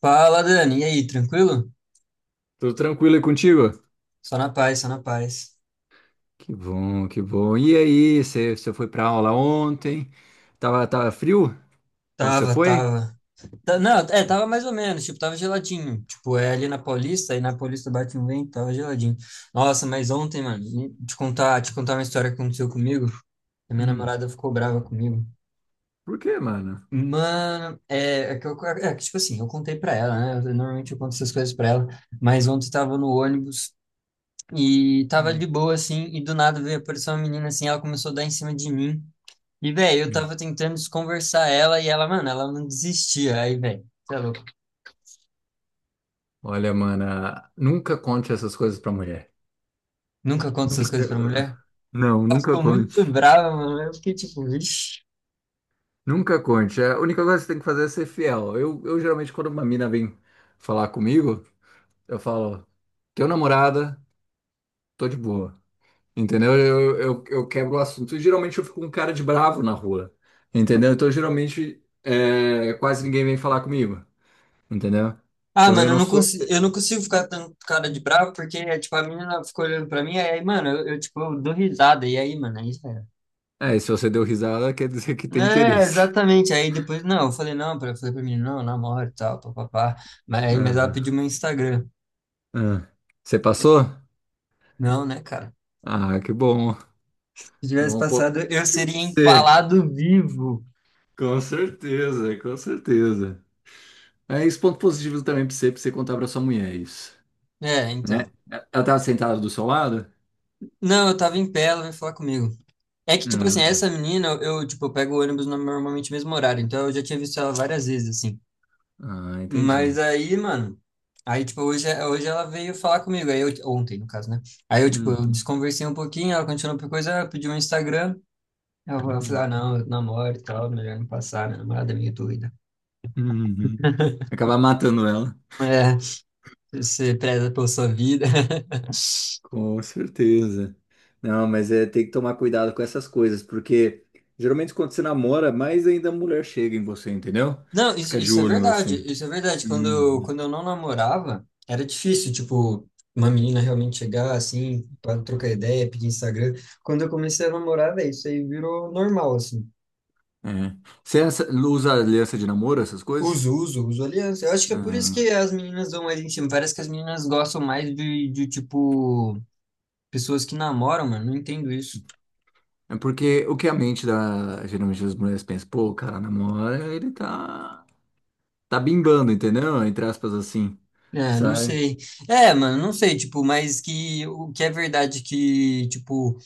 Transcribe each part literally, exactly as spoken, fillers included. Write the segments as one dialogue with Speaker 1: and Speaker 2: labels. Speaker 1: Fala, Dani. E aí, tranquilo?
Speaker 2: Tudo tranquilo aí contigo?
Speaker 1: Só na paz, só na paz.
Speaker 2: Que bom, que bom. E aí, você você foi pra aula ontem? Tava, tava frio quando você
Speaker 1: Tava,
Speaker 2: foi?
Speaker 1: tava. Tá- não, é, tava mais ou menos, tipo, tava geladinho. Tipo, é ali na Paulista, aí na Paulista bate um vento, tava geladinho. Nossa, mas ontem, mano, te contar, te contar uma história que aconteceu comigo. A minha
Speaker 2: Hum,
Speaker 1: namorada ficou brava comigo.
Speaker 2: por quê, mano?
Speaker 1: Mano, é, é que eu, é que, tipo assim, eu contei pra ela, né? Eu- normalmente eu conto essas coisas pra ela, mas ontem tava no ônibus e tava
Speaker 2: Hum,
Speaker 1: de boa, assim, e do nada veio aparecer uma menina assim, ela começou a dar em cima de mim. E, velho, eu
Speaker 2: hum.
Speaker 1: tava tentando desconversar ela e ela, mano, ela não desistia. Aí, velho, você é louco.
Speaker 2: Olha, mana, nunca conte essas coisas pra mulher.
Speaker 1: Nunca conto essas
Speaker 2: Nunca.
Speaker 1: coisas pra mulher.
Speaker 2: Não,
Speaker 1: Ela
Speaker 2: nunca
Speaker 1: ficou
Speaker 2: conte.
Speaker 1: muito brava, mano. Eu fiquei tipo, vixi.
Speaker 2: Nunca conte. É, a única coisa que você tem que fazer é ser fiel. Eu, eu geralmente, quando uma mina vem falar comigo, eu falo, teu namorada, tô de boa. Entendeu? Eu, eu, eu quebro o assunto. E geralmente eu fico com cara de bravo na rua. Entendeu? Então geralmente é, quase ninguém vem falar comigo. Entendeu?
Speaker 1: Ah,
Speaker 2: Então eu
Speaker 1: mano, eu
Speaker 2: não
Speaker 1: não
Speaker 2: sou.
Speaker 1: consigo, eu não consigo ficar tanto cara de bravo porque, é, tipo, a menina ficou olhando pra mim. Aí, mano, eu, eu, tipo, eu dou risada. E aí, mano, aí já era.
Speaker 2: É, e se você deu risada, quer dizer que tem
Speaker 1: É,
Speaker 2: interesse.
Speaker 1: exatamente. Aí depois, não, eu falei, não, pra, eu falei pra menina, não, eu namoro e tal, papapá. Mas, aí- mas ela
Speaker 2: Aham,
Speaker 1: pediu meu Instagram.
Speaker 2: aham. Você passou?
Speaker 1: Não, né, cara?
Speaker 2: Ah, que bom.
Speaker 1: Se tivesse
Speaker 2: Um ponto positivo
Speaker 1: passado, eu
Speaker 2: pra
Speaker 1: seria
Speaker 2: você.
Speaker 1: empalado vivo.
Speaker 2: Com certeza, com certeza. É isso, ponto positivo também pra você, pra você contar pra sua mulher isso.
Speaker 1: É,
Speaker 2: Né?
Speaker 1: então.
Speaker 2: Ela tava sentada do seu lado?
Speaker 1: Não, eu tava em pé, ela veio falar comigo. É que, tipo assim,
Speaker 2: Ah,
Speaker 1: essa menina, eu, eu, tipo, eu pego o ônibus no- normalmente no mesmo horário, então eu já tinha visto ela várias vezes, assim.
Speaker 2: ah,
Speaker 1: Mas
Speaker 2: entendi.
Speaker 1: aí, mano, aí, tipo, hoje, hoje ela veio falar comigo, aí eu, ontem, no caso, né? Aí eu, tipo, eu
Speaker 2: Uhum.
Speaker 1: desconversei um pouquinho, ela continuou por coisa, ela pediu um Instagram, eu, eu falei, ah, não, eu namoro e tal, melhor não passar, minha namorada é meio doida.
Speaker 2: Uhum. Acabar matando ela.
Speaker 1: É, você preza pela sua vida.
Speaker 2: Com certeza. Não, mas é, tem que tomar cuidado com essas coisas, porque geralmente quando você namora, mais ainda a mulher chega em você, entendeu?
Speaker 1: Não, isso,
Speaker 2: Fica de
Speaker 1: isso é
Speaker 2: olho em
Speaker 1: verdade,
Speaker 2: você.
Speaker 1: isso é verdade. Quando eu,
Speaker 2: Uhum.
Speaker 1: quando eu não namorava, era difícil, tipo, uma menina realmente chegar assim, para trocar ideia, pedir Instagram. Quando eu comecei a namorar, velho, isso aí virou normal, assim.
Speaker 2: É. Você essa- usa aliança de namoro, essas coisas?
Speaker 1: Uso, uso, uso aliança. Eu acho que é por isso
Speaker 2: Ah,
Speaker 1: que as meninas dão mais em cima. Parece que as meninas gostam mais de, de tipo, pessoas que namoram, mano. Não entendo isso.
Speaker 2: é porque o que a mente da, geralmente das mulheres pensa, pô, o cara namora, ele tá, tá bimbando, entendeu? Entre aspas assim,
Speaker 1: É, não
Speaker 2: sabe?
Speaker 1: sei. É, mano, não sei, tipo, mas que o que é verdade que, tipo,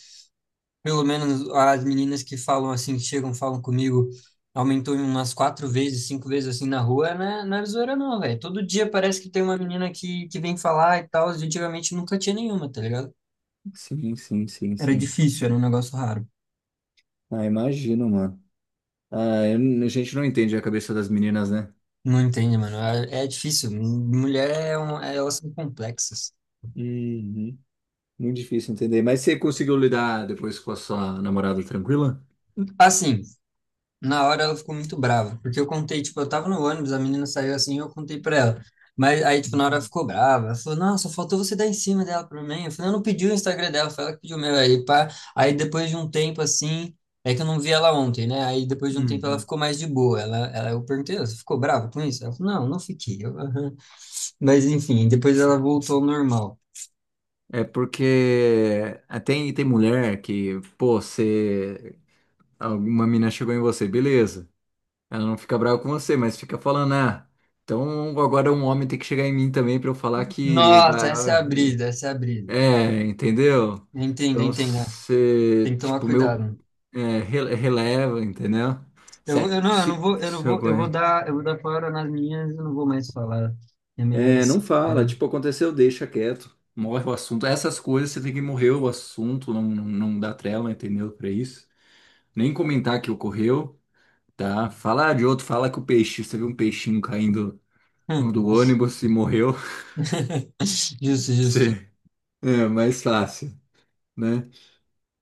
Speaker 1: pelo menos as meninas que falam assim, que chegam, falam comigo, aumentou em umas quatro vezes, cinco vezes assim na rua, né? Não é zoeira não, velho. Todo dia parece que tem uma menina que, que vem falar e tal. E antigamente nunca tinha nenhuma, tá ligado?
Speaker 2: Sim, sim, sim,
Speaker 1: Era
Speaker 2: sim.
Speaker 1: difícil, era um negócio raro.
Speaker 2: Ah, imagino, mano. Ah, eu- a gente não entende a cabeça das meninas, né?
Speaker 1: Não entende, mano. É, é difícil. Mulher é um, elas são complexas.
Speaker 2: Uhum. Muito difícil entender. Mas você conseguiu lidar depois com a sua namorada tranquila?
Speaker 1: Assim, na hora ela ficou muito brava, porque eu contei, tipo, eu tava no ônibus, a menina saiu assim, eu contei pra ela. Mas aí, tipo, na hora ela
Speaker 2: Uhum.
Speaker 1: ficou brava. Ela falou, nossa, faltou você dar em cima dela pra mim. Eu falei, eu não pedi o Instagram dela, foi ela que pediu o meu. Aí, pá. Aí depois de um tempo assim, é que eu não vi ela ontem, né? Aí depois de um tempo ela
Speaker 2: Uhum.
Speaker 1: ficou mais de boa. Ela, ela, eu perguntei, você ficou brava com isso? Ela falou, não, não fiquei. Eu, "Aham." Mas enfim, depois ela voltou ao normal.
Speaker 2: É porque ah, tem, tem mulher que, pô, você. Alguma mina chegou em você, beleza. Ela não fica brava com você, mas fica falando, ah, então agora um homem tem que chegar em mim também pra eu falar que
Speaker 1: Nossa, essa é a
Speaker 2: vai.
Speaker 1: brisa, essa é a brisa.
Speaker 2: É, entendeu?
Speaker 1: Entendo,
Speaker 2: Então
Speaker 1: entendo. né?
Speaker 2: você,
Speaker 1: Tem que tomar
Speaker 2: tipo,
Speaker 1: cuidado.
Speaker 2: meu,
Speaker 1: né?
Speaker 2: é, rele- releva, entendeu?
Speaker 1: Eu, vou-
Speaker 2: Se,
Speaker 1: eu não, eu não
Speaker 2: se,
Speaker 1: vou, eu não
Speaker 2: se eu
Speaker 1: vou, eu vou
Speaker 2: conhe-
Speaker 1: dar, eu vou dar fora nas minhas, eu não vou mais falar. É melhor
Speaker 2: É, não
Speaker 1: assim, tá
Speaker 2: fala,
Speaker 1: ligado?
Speaker 2: tipo, aconteceu, deixa quieto. Morre o assunto. Essas coisas você tem que morrer o assunto, não, não, não dá trela, entendeu? Pra isso. Nem comentar que ocorreu, tá? Falar de outro, fala que o peixe, você viu um peixinho caindo do ônibus e morreu.
Speaker 1: Justo, justo.
Speaker 2: Você, é mais fácil, né?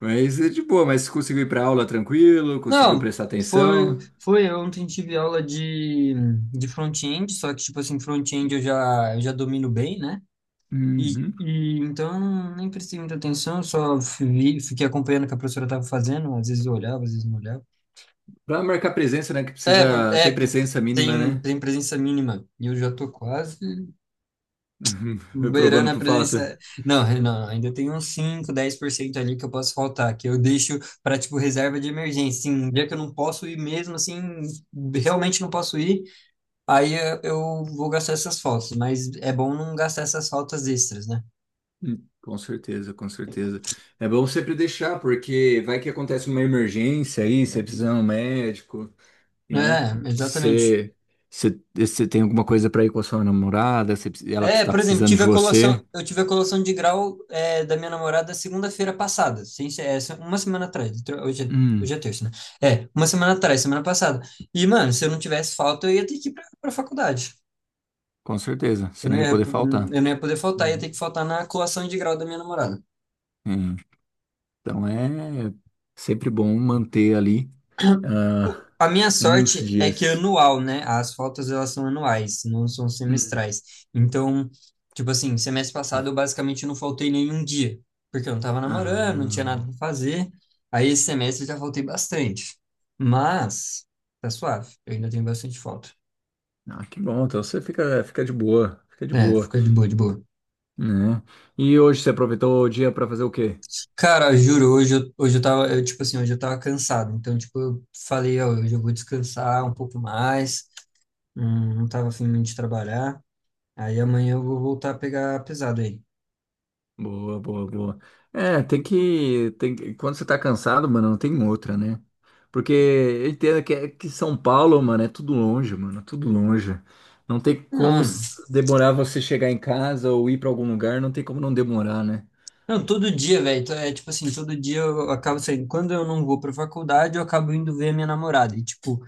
Speaker 2: Mas é de boa, mas conseguiu ir pra aula tranquilo, conseguiu
Speaker 1: Não,
Speaker 2: prestar
Speaker 1: foi,
Speaker 2: atenção.
Speaker 1: foi ontem tive aula de de front-end, só que tipo assim, front-end eu já, eu já domino bem, né? E,
Speaker 2: Uhum.
Speaker 1: e então nem prestei muita atenção, só vi, fiquei acompanhando o que a professora estava fazendo, às vezes eu olhava, às vezes não olhava.
Speaker 2: Pra marcar presença, né? Que
Speaker 1: É, pro-
Speaker 2: precisa.
Speaker 1: é,
Speaker 2: Tem
Speaker 1: pro-
Speaker 2: presença mínima,
Speaker 1: tem,
Speaker 2: né?
Speaker 1: tem presença mínima. E eu já tô quase.
Speaker 2: Reprovando
Speaker 1: Beirando a
Speaker 2: por falta.
Speaker 1: presença. Não, não, ainda tem uns cinco dez por cento ali que eu posso faltar, que eu deixo para, tipo, reserva de emergência. Sim, um dia que eu não posso ir mesmo, assim, realmente não posso ir, aí eh, eu vou gastar essas faltas. Mas é bom não gastar essas faltas extras, né?
Speaker 2: Hum, Com certeza, com certeza. É bom sempre deixar, porque vai que acontece uma emergência aí, você precisa de um médico, né?
Speaker 1: É, exatamente.
Speaker 2: Você, você, você tem alguma coisa pra ir com a sua namorada, você, precis- ela
Speaker 1: É,
Speaker 2: está
Speaker 1: por exemplo,
Speaker 2: precisando
Speaker 1: tive
Speaker 2: de
Speaker 1: a
Speaker 2: você.
Speaker 1: colação, eu tive a colação de grau é, da minha namorada segunda-feira passada, sem ser- é, se- uma semana atrás, tro- hoje, é-
Speaker 2: Hum,
Speaker 1: hoje é terça, né? É, uma semana atrás, semana passada. E, mano, se eu não tivesse falta, eu ia ter que ir pra, pra faculdade.
Speaker 2: com certeza, você
Speaker 1: Eu não
Speaker 2: não ia
Speaker 1: ia,
Speaker 2: poder faltar.
Speaker 1: eu não ia poder faltar, ia ter que faltar na colação de grau da minha namorada.
Speaker 2: Uhum. Então é sempre bom manter ali
Speaker 1: O-
Speaker 2: ah,
Speaker 1: A minha
Speaker 2: uns
Speaker 1: sorte é que é
Speaker 2: dias.
Speaker 1: anual, né? As faltas elas são anuais, não são
Speaker 2: Hum.
Speaker 1: semestrais. Então, tipo assim, semestre passado eu basicamente não faltei nenhum dia, porque eu não tava namorando, não tinha
Speaker 2: Ah,
Speaker 1: nada pra fazer. Aí esse semestre eu já faltei bastante. Mas tá suave, eu ainda tenho bastante falta.
Speaker 2: ah, que bom. Então você fica, fica de boa, fica de
Speaker 1: É,
Speaker 2: boa,
Speaker 1: fica de boa, de boa.
Speaker 2: né? E hoje você aproveitou o dia para fazer o quê?
Speaker 1: Cara, juro, hoje eu, hoje eu tava, eu, tipo assim, hoje eu tava cansado. Então, tipo, eu falei, ó, hoje eu vou descansar um pouco mais. hum, Não tava afim muito de trabalhar. Aí amanhã eu vou voltar a pegar pesado aí.
Speaker 2: Boa, boa, boa. É, tem que, tem que- quando você tá cansado, mano, não tem outra, né? Porque eu entendo que, é- que São Paulo, mano, é tudo longe, mano, é tudo longe. Não tem como
Speaker 1: Não,
Speaker 2: s- demorar você chegar em casa ou ir para algum lugar, não tem como não demorar, né?
Speaker 1: não, todo dia, velho. Então, é tipo assim, todo dia eu acabo saindo. Quando eu não vou pra faculdade, eu acabo indo ver a minha namorada. E, tipo,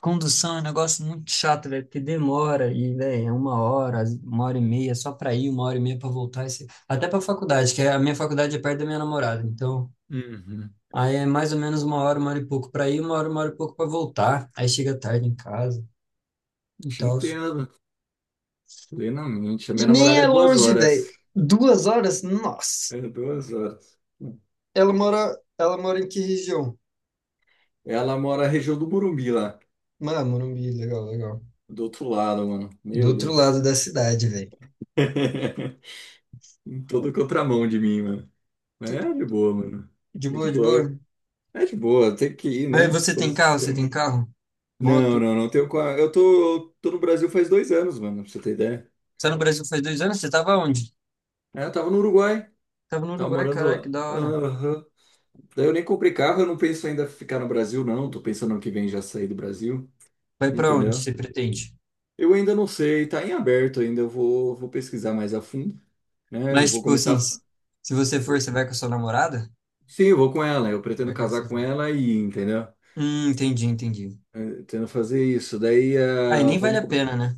Speaker 1: condução é um negócio muito chato, velho, porque demora. E, velho, é uma hora, às- uma hora e meia só pra ir, uma hora e meia pra voltar. esse- Até pra faculdade, que é- a minha faculdade é perto da minha namorada. Então,
Speaker 2: Uhum.
Speaker 1: aí é mais ou menos uma hora, uma hora e pouco pra ir, uma hora, uma hora e pouco pra voltar. Aí chega tarde em casa e
Speaker 2: Te
Speaker 1: tal.
Speaker 2: entendo plenamente. A
Speaker 1: E
Speaker 2: minha
Speaker 1: nem
Speaker 2: namorada é
Speaker 1: é
Speaker 2: duas
Speaker 1: longe,
Speaker 2: horas.
Speaker 1: velho. Duas horas? Nossa.
Speaker 2: É duas horas.
Speaker 1: Ela mora, ela mora em que região?
Speaker 2: Ela mora na região do Murumbi lá,
Speaker 1: Ah, Morumbi, legal, legal.
Speaker 2: do outro lado, mano.
Speaker 1: Do
Speaker 2: Meu
Speaker 1: outro
Speaker 2: Deus.
Speaker 1: lado da cidade, velho.
Speaker 2: Em todo contramão de mim, mano. Mas é de
Speaker 1: Tudo
Speaker 2: boa, mano.
Speaker 1: de
Speaker 2: É de
Speaker 1: boa, de
Speaker 2: boa.
Speaker 1: boa.
Speaker 2: É de boa, tem que ir,
Speaker 1: Mas
Speaker 2: né?
Speaker 1: você
Speaker 2: Como
Speaker 1: tem carro?
Speaker 2: se-
Speaker 1: Você tem carro?
Speaker 2: Não,
Speaker 1: Moto?
Speaker 2: não, não tenho. Qua- Eu tô, tô no Brasil faz dois anos, mano, pra você ter ideia.
Speaker 1: Você tá no Brasil faz dois anos? Você tava onde?
Speaker 2: É, eu tava no Uruguai,
Speaker 1: Tava no
Speaker 2: tava
Speaker 1: Uruguai,
Speaker 2: morando
Speaker 1: caraca, que
Speaker 2: lá.
Speaker 1: da hora.
Speaker 2: Aham. Daí eu nem comprei carro, eu não penso ainda ficar no Brasil, não. Tô pensando ano que vem já sair do Brasil,
Speaker 1: Vai pra onde
Speaker 2: entendeu?
Speaker 1: você pretende?
Speaker 2: Eu ainda não sei, tá em aberto ainda. Eu vou, vou pesquisar mais a fundo, né? Eu
Speaker 1: Mas,
Speaker 2: vou
Speaker 1: tipo assim,
Speaker 2: começar.
Speaker 1: se se você for, você vai com a sua namorada?
Speaker 2: Sim, eu vou com ela. Eu pretendo
Speaker 1: Vai com
Speaker 2: casar
Speaker 1: vocês
Speaker 2: com
Speaker 1: vão.
Speaker 2: ela e, entendeu?
Speaker 1: Hum, entendi, entendi.
Speaker 2: Eu pretendo fazer isso. Daí,
Speaker 1: Aí
Speaker 2: ah,
Speaker 1: nem vale
Speaker 2: vamos.
Speaker 1: a
Speaker 2: Co-
Speaker 1: pena, né?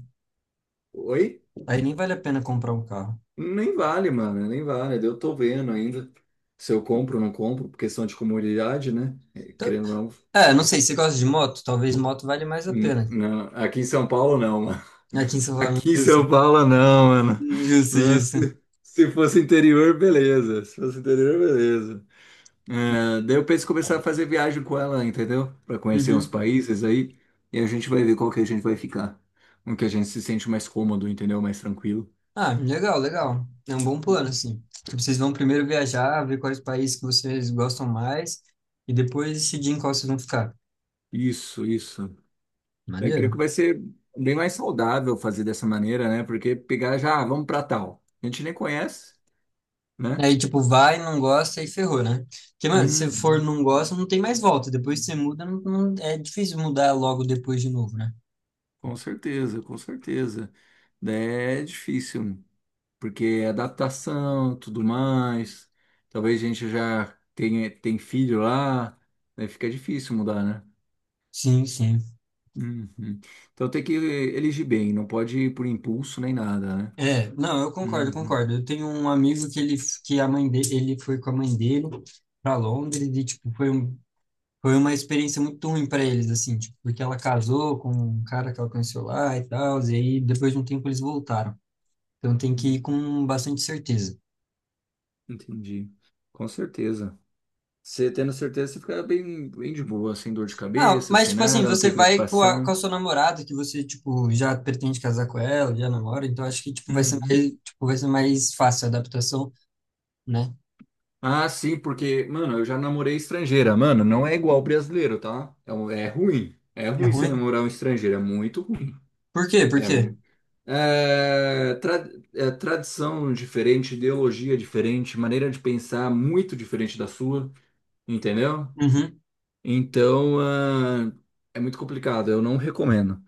Speaker 2: Oi?
Speaker 1: Aí nem vale a pena comprar um carro.
Speaker 2: Nem vale, mano, nem vale. Eu tô vendo ainda se eu compro ou não compro, por questão de comodidade, né? Eh,
Speaker 1: Então,
Speaker 2: querendo ou não.
Speaker 1: é, não sei, você gosta de moto? Talvez moto vale mais a
Speaker 2: Hum,
Speaker 1: pena.
Speaker 2: não, aqui em São Paulo não, mano.
Speaker 1: Aqui em São Paulo.
Speaker 2: Aqui em São Paulo não, mano.
Speaker 1: Justo,
Speaker 2: Nossa,
Speaker 1: justo.
Speaker 2: se se fosse interior, beleza. Se fosse interior, beleza. É, daí eu penso em começar a fazer viagem com ela, entendeu? Pra conhecer uns
Speaker 1: Uhum.
Speaker 2: países aí. E a gente vai ver qual que a gente vai ficar. Um que a gente se sente mais cômodo, entendeu? Mais tranquilo.
Speaker 1: Ah, legal, legal. É um bom plano,
Speaker 2: Uhum.
Speaker 1: assim. Tipo, vocês vão primeiro viajar, ver quais países que vocês gostam mais e depois decidir em qual vocês vão ficar.
Speaker 2: Isso, isso. Eu creio que
Speaker 1: Maneiro.
Speaker 2: vai ser bem mais saudável fazer dessa maneira, né? Porque pegar já, ah, vamos pra tal. A gente nem conhece, né?
Speaker 1: Aí, tipo, vai, não gosta e ferrou, né? Porque, mano, se você for
Speaker 2: Uhum.
Speaker 1: não gosta, não tem mais volta. Depois que você muda, não, não- é difícil mudar logo depois de novo, né?
Speaker 2: Com certeza, com certeza. Daí é difícil. Porque é adaptação, tudo mais. Talvez a gente já tenha tem filho lá, né? Fica difícil mudar, né?
Speaker 1: Sim, sim.
Speaker 2: Uhum. Então tem que elegir bem, não pode ir por impulso nem nada, né?
Speaker 1: É, não, eu concordo,
Speaker 2: Uhum.
Speaker 1: concordo. Eu tenho um amigo que ele, que a mãe dele, ele foi com a mãe dele para Londres e, tipo, foi um foi uma experiência muito ruim para eles, assim, tipo, porque ela casou com um cara que ela conheceu lá e tal, e aí depois de um tempo eles voltaram. Então tem que ir
Speaker 2: Uhum.
Speaker 1: com bastante certeza.
Speaker 2: Entendi. Com certeza. Você tendo certeza, você fica bem, bem de boa, sem dor de
Speaker 1: Ah,
Speaker 2: cabeça,
Speaker 1: mas
Speaker 2: sem
Speaker 1: tipo assim,
Speaker 2: nada, não
Speaker 1: você
Speaker 2: tem
Speaker 1: vai com a, com
Speaker 2: preocupação.
Speaker 1: a sua namorada, que você, tipo, já pretende casar com ela, já namora, então acho que, tipo, vai ser mais,
Speaker 2: Uhum.
Speaker 1: tipo, vai ser mais fácil a adaptação, né?
Speaker 2: Ah, sim, porque, mano, eu já namorei estrangeira. Mano, não é igual brasileiro, tá? É, um- é ruim. É
Speaker 1: É
Speaker 2: ruim você
Speaker 1: ruim?
Speaker 2: namorar um estrangeiro, é muito ruim.
Speaker 1: Por quê? Por
Speaker 2: É,
Speaker 1: quê?
Speaker 2: mu- é, tra- é tradição diferente, ideologia diferente, maneira de pensar muito diferente da sua, entendeu?
Speaker 1: Uhum.
Speaker 2: Então, ah, é muito complicado, eu não recomendo,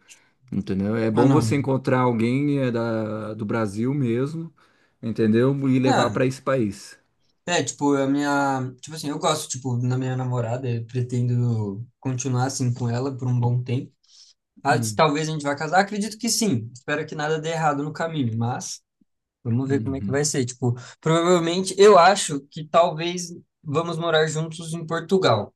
Speaker 2: entendeu? É
Speaker 1: Ah,
Speaker 2: bom
Speaker 1: não.
Speaker 2: você encontrar alguém é, da, do Brasil mesmo, entendeu? E levar
Speaker 1: Ah,
Speaker 2: para esse país.
Speaker 1: é, tipo, a minha. Tipo assim, eu gosto, tipo, na minha namorada, eu pretendo continuar assim com ela por um bom tempo. Ah, se
Speaker 2: Hum,
Speaker 1: talvez a gente vá casar, acredito que sim. Espero que nada dê errado no caminho, mas vamos ver como é que
Speaker 2: uhum.
Speaker 1: vai ser. Tipo, provavelmente, eu acho que talvez vamos morar juntos em Portugal.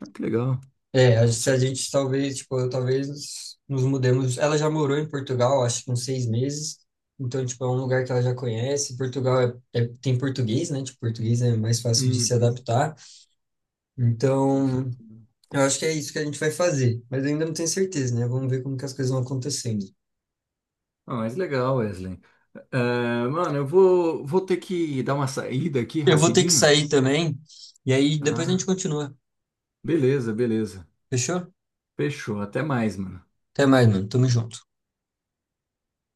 Speaker 2: Ah, que legal.
Speaker 1: É, a- se a gente talvez, tipo, eu talvez nos mudemos. Ela já morou em Portugal, acho que uns seis meses. Então, tipo, é um lugar que ela já conhece. Portugal é, é- tem português, né? Tipo, português é mais fácil de se
Speaker 2: Uhum.
Speaker 1: adaptar.
Speaker 2: Com
Speaker 1: Então,
Speaker 2: certeza.
Speaker 1: eu acho que é isso que a gente vai fazer. Mas eu ainda não tenho certeza, né? Vamos ver como que as coisas vão acontecendo.
Speaker 2: Ah, mas legal, Wesley. É, mano, eu vou, vou ter que dar uma saída aqui
Speaker 1: Eu vou ter que
Speaker 2: rapidinho,
Speaker 1: sair também. E aí depois a gente
Speaker 2: tá?
Speaker 1: continua.
Speaker 2: Beleza, beleza.
Speaker 1: Fechou?
Speaker 2: Fechou. Até mais, mano.
Speaker 1: Até mais, mano. Tamo junto.